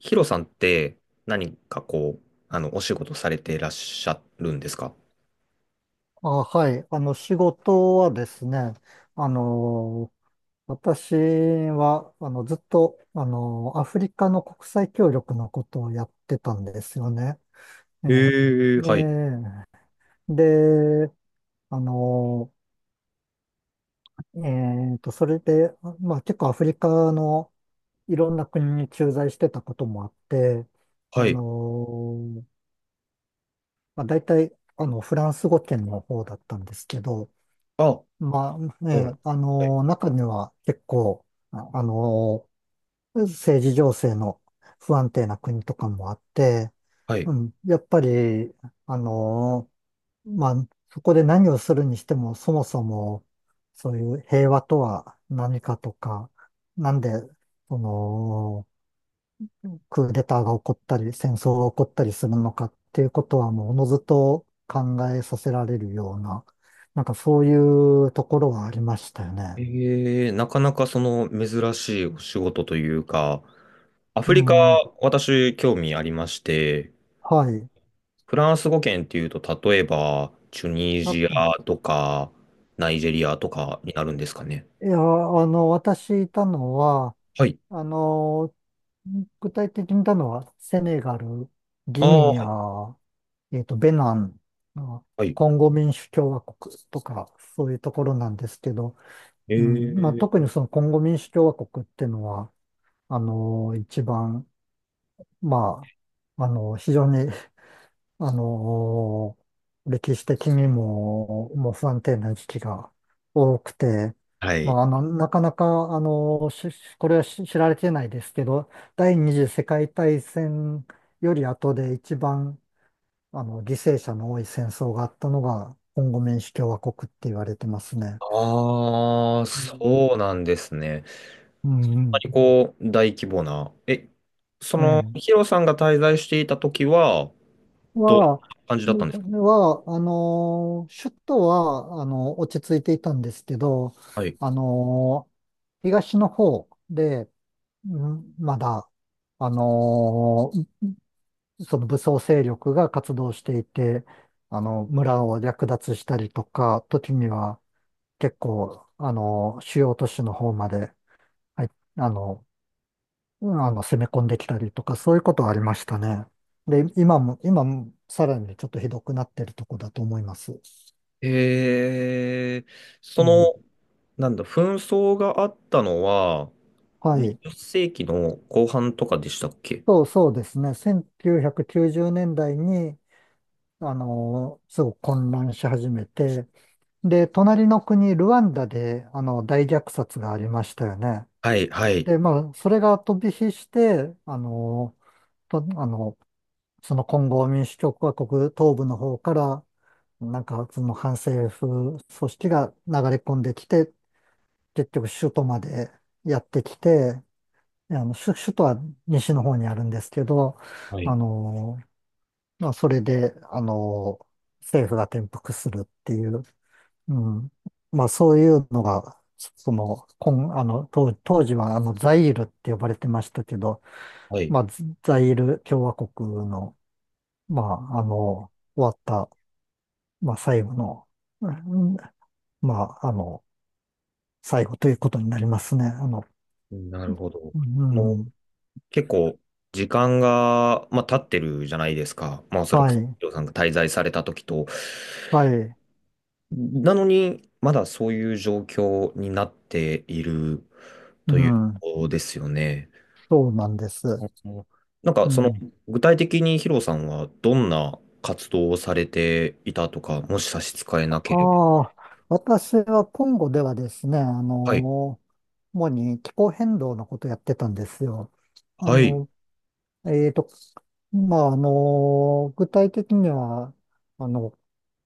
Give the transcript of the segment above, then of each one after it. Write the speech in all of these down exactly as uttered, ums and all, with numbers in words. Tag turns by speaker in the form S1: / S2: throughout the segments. S1: ヒロさんって何かこう、あの、お仕事されていらっしゃるんですか？
S2: あ、はい。あの、仕事はですね、あの、私は、あの、ずっと、あの、アフリカの国際協力のことをやってたんですよね。ええ
S1: ええ、はい、
S2: で、で、あの、えっと、それで、まあ、結構アフリカのいろんな国に駐在してたこともあって、
S1: は
S2: あ
S1: い。
S2: の、まあ、大体、あの、フランス語圏の方だったんですけど、
S1: あ、
S2: まあ、え
S1: うん、
S2: え、あ
S1: はい、
S2: の、中には結構、ああの、政治情勢の不安定な国とかもあって、
S1: はい。
S2: うん、やっぱり、あの、まあ、そこで何をするにしても、そもそも、そういう平和とは何かとか、なんで、その、クーデターが起こったり、戦争が起こったりするのかっていうことはもうおのずと考えさせられるような、なんかそういうところはありましたよね。
S1: ええ、なかなかその珍しいお仕事というか、ア
S2: う
S1: フリカ、
S2: ん、は
S1: 私、興味ありまして、
S2: い。
S1: フランス語圏っていうと、例えば、チュニ
S2: あ
S1: ジ
S2: と、
S1: アとか、ナイジェリアとかになるんですかね。
S2: いや、あの、私いたのは、
S1: はい。
S2: あの、具体的にいたのは、セネガル、
S1: あ
S2: ギ
S1: あ、
S2: ニ
S1: はい、
S2: ア、えっと、ベナン、あ
S1: はい。
S2: コンゴ民主共和国とか、そういうところなんですけど、
S1: え
S2: うん、まあ、特
S1: え。
S2: にそのコンゴ民主共和国っていうのは、あの、一番、まあ、あの、非常に、あの、歴史的にも、もう不安定な時期が多くて、
S1: は
S2: ま
S1: い。
S2: あ、あの、なかなか、あの、しこれはし知られてないですけど、第二次世界大戦より後で一番、あの、犠牲者の多い戦争があったのが、コンゴ民主共和国って言われてますね。
S1: ああ、
S2: うん
S1: そうなんですね。
S2: うんう
S1: ま
S2: ん。
S1: りこう、大規模な、え、その、
S2: ええ
S1: ヒロさんが滞在していた時は、どんな
S2: は、
S1: 感じだったんですか？
S2: は、あのー、首都は、あの、落ち着いていたんですけど、
S1: はい。
S2: あのー、東の方で、んまだ、あのー、その武装勢力が活動していて、あの、村を略奪したりとか、時には結構、あの、主要都市の方まで、はい、あの、うんあの、攻め込んできたりとか、そういうことはありましたね。で、今も、今もさらにねちょっとひどくなってるとこだと思います。
S1: えー、
S2: う
S1: その、
S2: ん。
S1: なんだ、紛争があったのは、
S2: はい。
S1: にじゅっ世紀の後半とかでしたっけ？
S2: そうそうですね。せんきゅうひゃくきゅうじゅうねんだいに、あの、すごく混乱し始めて、で、隣の国、ルワンダで、あの、大虐殺がありましたよね。
S1: はい、はい。
S2: で、まあ、それが飛び火して、あの、と、あの、そのコンゴ民主共和国東部の方から、なんかその反政府組織が流れ込んできて、結局首都までやってきて、あの首、首都は西の方にあるんですけど、
S1: は
S2: あ
S1: い、
S2: の、まあ、それで、あの、政府が転覆するっていう、うん、まあそういうのが、その、こん、あの、当、当時はあの、ザイールって呼ばれてましたけど、
S1: はい。
S2: まあ、ザイール共和国の、まあ、あの、終わったまあ、最後の、うんまあ、あの、最後ということになりますね。あの、
S1: なるほど。
S2: う
S1: その
S2: ん、
S1: 結構、時間が、まあ、経ってるじゃないですか。まあ、おそら
S2: は
S1: く、ヒ
S2: い、
S1: ロさんが滞在された時と。
S2: はい、
S1: なのに、まだそういう状況になっている
S2: う
S1: という
S2: ん、
S1: ことですよね。
S2: そうなんで
S1: う
S2: す。
S1: ん、なんか、
S2: う
S1: その、
S2: ん、
S1: 具体的にヒロさんはどんな活動をされていたとか、もし差し支え
S2: あ
S1: なければ。
S2: あ、私はコンゴではですね、あ
S1: はい。
S2: の、主に気候変動のことやってたんですよ。あ
S1: はい。
S2: の、えーと、まあ、あの、具体的には、あの、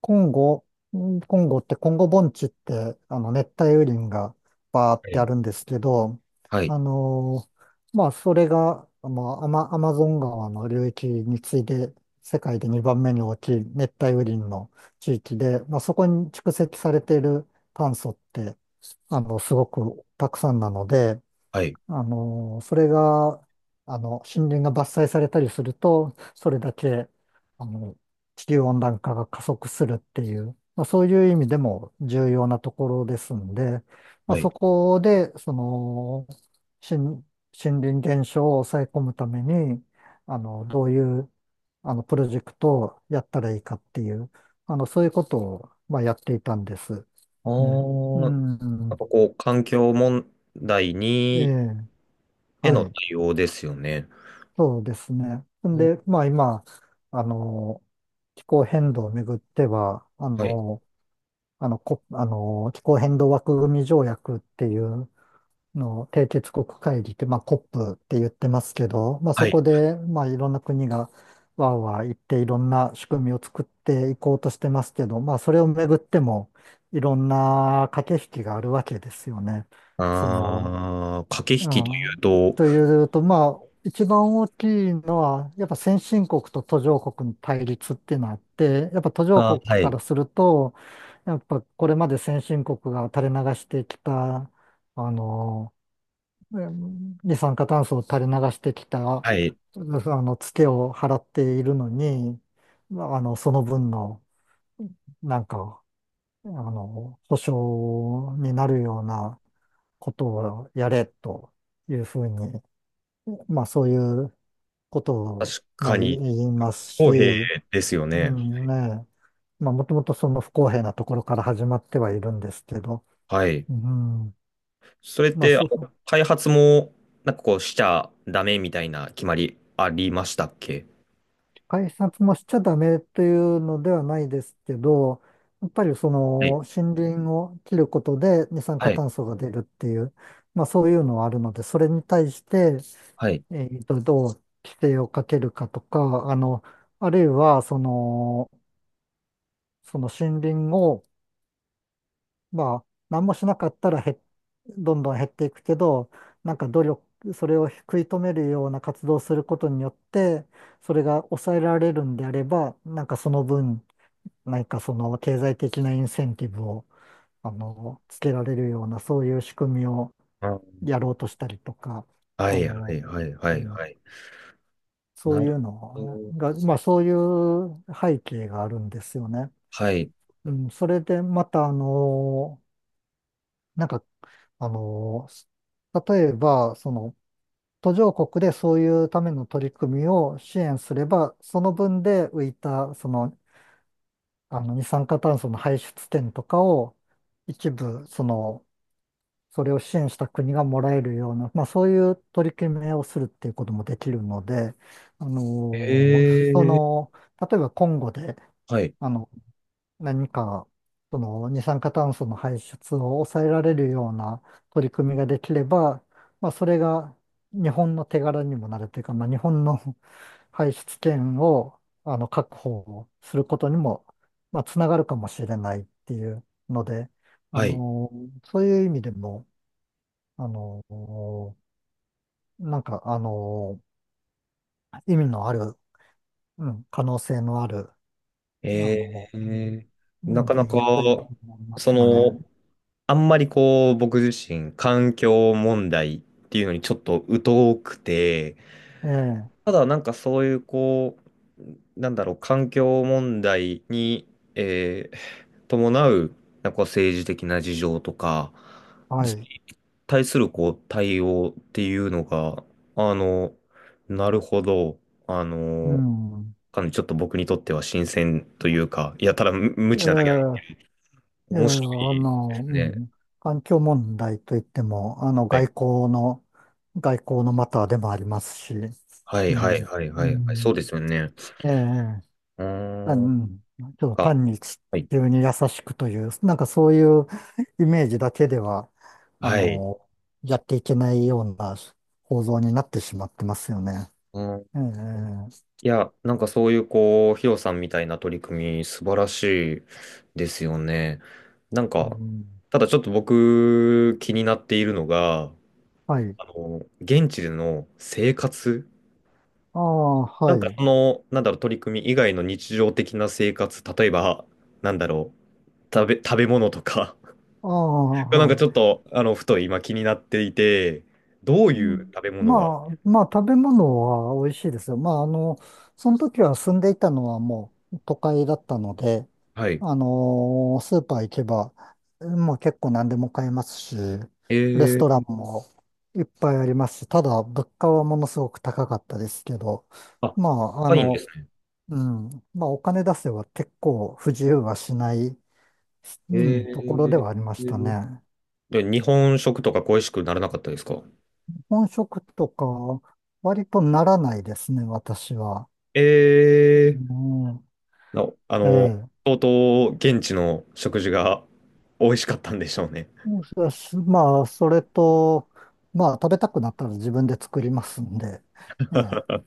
S2: コンゴ、んコンゴって、コンゴ盆地って、あの、熱帯雨林がバーっ
S1: は
S2: てあ
S1: い。
S2: るんですけど、
S1: はい。
S2: あの、まあ、それが、まあ、アマ、アマゾン川の流域に次いで、世界でにばんめに大きい熱帯雨林の地域で、まあ、そこに蓄積されている炭素って、あの、すごくたくさんなので、
S1: はい。
S2: あの、それが、あの、森林が伐採されたりすると、それだけ、あの、地球温暖化が加速するっていう、まあ、そういう意味でも重要なところですんで、まあ、
S1: はい。
S2: そこで、その、森、森林減少を抑え込むために、あの、どういう、あの、プロジェクトをやったらいいかっていう、あの、そういうことを、まあ、やっていたんです。
S1: あ
S2: ね。
S1: ー、
S2: う
S1: なんか
S2: ん。
S1: こう、環境問題
S2: え
S1: に、
S2: え。
S1: へ
S2: は
S1: の
S2: い。
S1: 対応ですよね。
S2: そうですね。ん
S1: お、
S2: で、まあ今、あの、気候変動をめぐっては、あ
S1: はい。
S2: の、あの、こ、あの、気候変動枠組み条約っていうのを締結国会議って、まあ コップ って言ってますけど、まあ
S1: は
S2: そ
S1: い。
S2: こで、まあいろんな国がわーわー言っていろんな仕組みを作っていこうとしてますけど、まあそれをめぐってもいろんな駆け引きがあるわけですよね。その、
S1: ああ、駆
S2: う
S1: け引きという
S2: ん、
S1: と、
S2: というと、まあ、一番大きいのは、やっぱ先進国と途上国の対立っていうのがあって、やっぱ途上
S1: あ
S2: 国
S1: ー、は
S2: か
S1: い。
S2: らすると、やっぱこれまで先進国が垂れ流してきた、あの、うん二酸化炭素を垂れ流してきた、
S1: はい。
S2: うんあの、ツケを払っているのに、まああの、その分の、なんか、あの、保障になるようなことをやれというふうにまあそういうこと
S1: 確
S2: を、まあ、
S1: かに
S2: 言います
S1: 公平
S2: し、
S1: ですよ
S2: う
S1: ね。
S2: んね、まあもともとその不公平なところから始まってはいるんですけど、
S1: はい。
S2: うん、
S1: それっ
S2: まあ
S1: て、あ
S2: そ
S1: の
S2: う、
S1: 開発も、なんかこう、しちゃダメみたいな決まりありましたっけ？
S2: 改札もしちゃダメというのではないですけど、やっぱりそ
S1: は
S2: の
S1: い。
S2: 森林を切ることで二酸
S1: は
S2: 化
S1: い。
S2: 炭素が出るっていう、まあそういうのはあるので、それに対して、
S1: はい。
S2: えーと、どう規制をかけるかとか、あの、あるいはその、その森林をまあ、何もしなかったらへどんどん減っていくけど、なんか努力、それを食い止めるような活動をすることによって、それが抑えられるんであれば、なんかその分、何かその経済的なインセンティブを、あの、つけられるような、そういう仕組みを
S1: あ、
S2: やろうとしたりとか、
S1: は
S2: あ
S1: い。は
S2: の、
S1: い。はい。
S2: う
S1: はい。
S2: ん、
S1: はい。
S2: そ
S1: な
S2: うい
S1: る
S2: う
S1: ほ
S2: の
S1: ど。
S2: が、まあそういう背景があるんですよね。
S1: はい。
S2: うん、それでまた、あの、なんかあの、例えば、その途上国でそういうための取り組みを支援すれば、その分で浮いた、その、あの、二酸化炭素の排出点とかを一部、その、それを支援した国がもらえるような、まあそういう取り決めをするっていうこともできるので、あ
S1: え
S2: の、そ
S1: ー。
S2: の、例えば今後で、
S1: はい。
S2: あの、何か、その二酸化炭素の排出を抑えられるような取り組みができれば、まあ、それが日本の手柄にもなるというか、まあ、日本の 排出権をあの確保することにも、まあ、つながるかもしれないっていうので、あ
S1: はい。
S2: の、そういう意味でも、あの、なんか、あの、意味のある、うん、可能性のある、あ
S1: え
S2: の、うん
S1: ー。なかな
S2: 分
S1: か、
S2: 野ということになりま
S1: そ
S2: すよね。
S1: の、あんまりこう、僕自身、環境問題っていうのにちょっと疎くて、
S2: ええ
S1: ただなんかそういうこう、なんだろう、環境問題に、えー伴う、なんかこう政治的な事情とか、
S2: はい。
S1: 対するこう対応っていうのが、あの、なるほど、あ
S2: う
S1: の、
S2: ん。
S1: かなりちょっと僕にとっては新鮮というか、いや、ただ無無
S2: え
S1: 知なだけで
S2: え、いやい
S1: 面
S2: や、あ
S1: 白いで
S2: の、
S1: す
S2: う
S1: ね。
S2: ん、環境問題といっても、あの、外交の、外交のマターでもありますし、
S1: は
S2: う
S1: い
S2: ん、
S1: はいはい
S2: う
S1: はいはいはい、そう
S2: ん、
S1: ですよね。
S2: ええ、
S1: うー
S2: あう
S1: ん、なん
S2: ん、ちょっと
S1: か、
S2: 単に地
S1: はい。
S2: 球に優しくという、なんかそういうイメージだけでは、あ
S1: はい。
S2: の、やっていけないような構造になってしまってますよね。
S1: うん、
S2: ええ、
S1: いや、なんかそういうこう、ヒロさんみたいな取り組み素晴らしいですよね。なん
S2: う
S1: か、
S2: ん、
S1: ただちょっと僕気になっているのが、
S2: はい。
S1: あの、現地での生活、
S2: ああ、
S1: な
S2: は
S1: んか
S2: い。
S1: その、なんだろう、取り組み以外の日常的な生活、例えば、なんだろう、食べ、食べ物とか
S2: ああ、
S1: なんか
S2: は
S1: ちょっ
S2: い。
S1: と、あの、ふと今気になっていて、どう
S2: う
S1: いう
S2: ん。
S1: 食べ物
S2: ま
S1: が、
S2: あ、まあ、食べ物は美味しいですよ。まあ、あの、その時は住んでいたのはもう都会だったので、
S1: はい。
S2: あのスーパー行けば、もう結構何でも買えますし、レス
S1: え
S2: トラン
S1: ー、
S2: もいっぱいありますし、ただ物価はものすごく高かったですけど、
S1: あ、
S2: まあ、あ
S1: 高いんで
S2: の、
S1: すね。
S2: うん、まあ、お金出せば結構不自由はしない、
S1: え
S2: うん、ところで
S1: ー
S2: はありましたね。
S1: で日本食とか恋しくならなかったですか？
S2: 本職とか、割とならないですね、私は。
S1: えー、
S2: うん、
S1: なあ
S2: え
S1: の、
S2: え。
S1: 相当現地の食事が美味しかったんでしょうね。
S2: そうしまあ、それと、まあ、食べたくなったら自分で作りますんで、ええ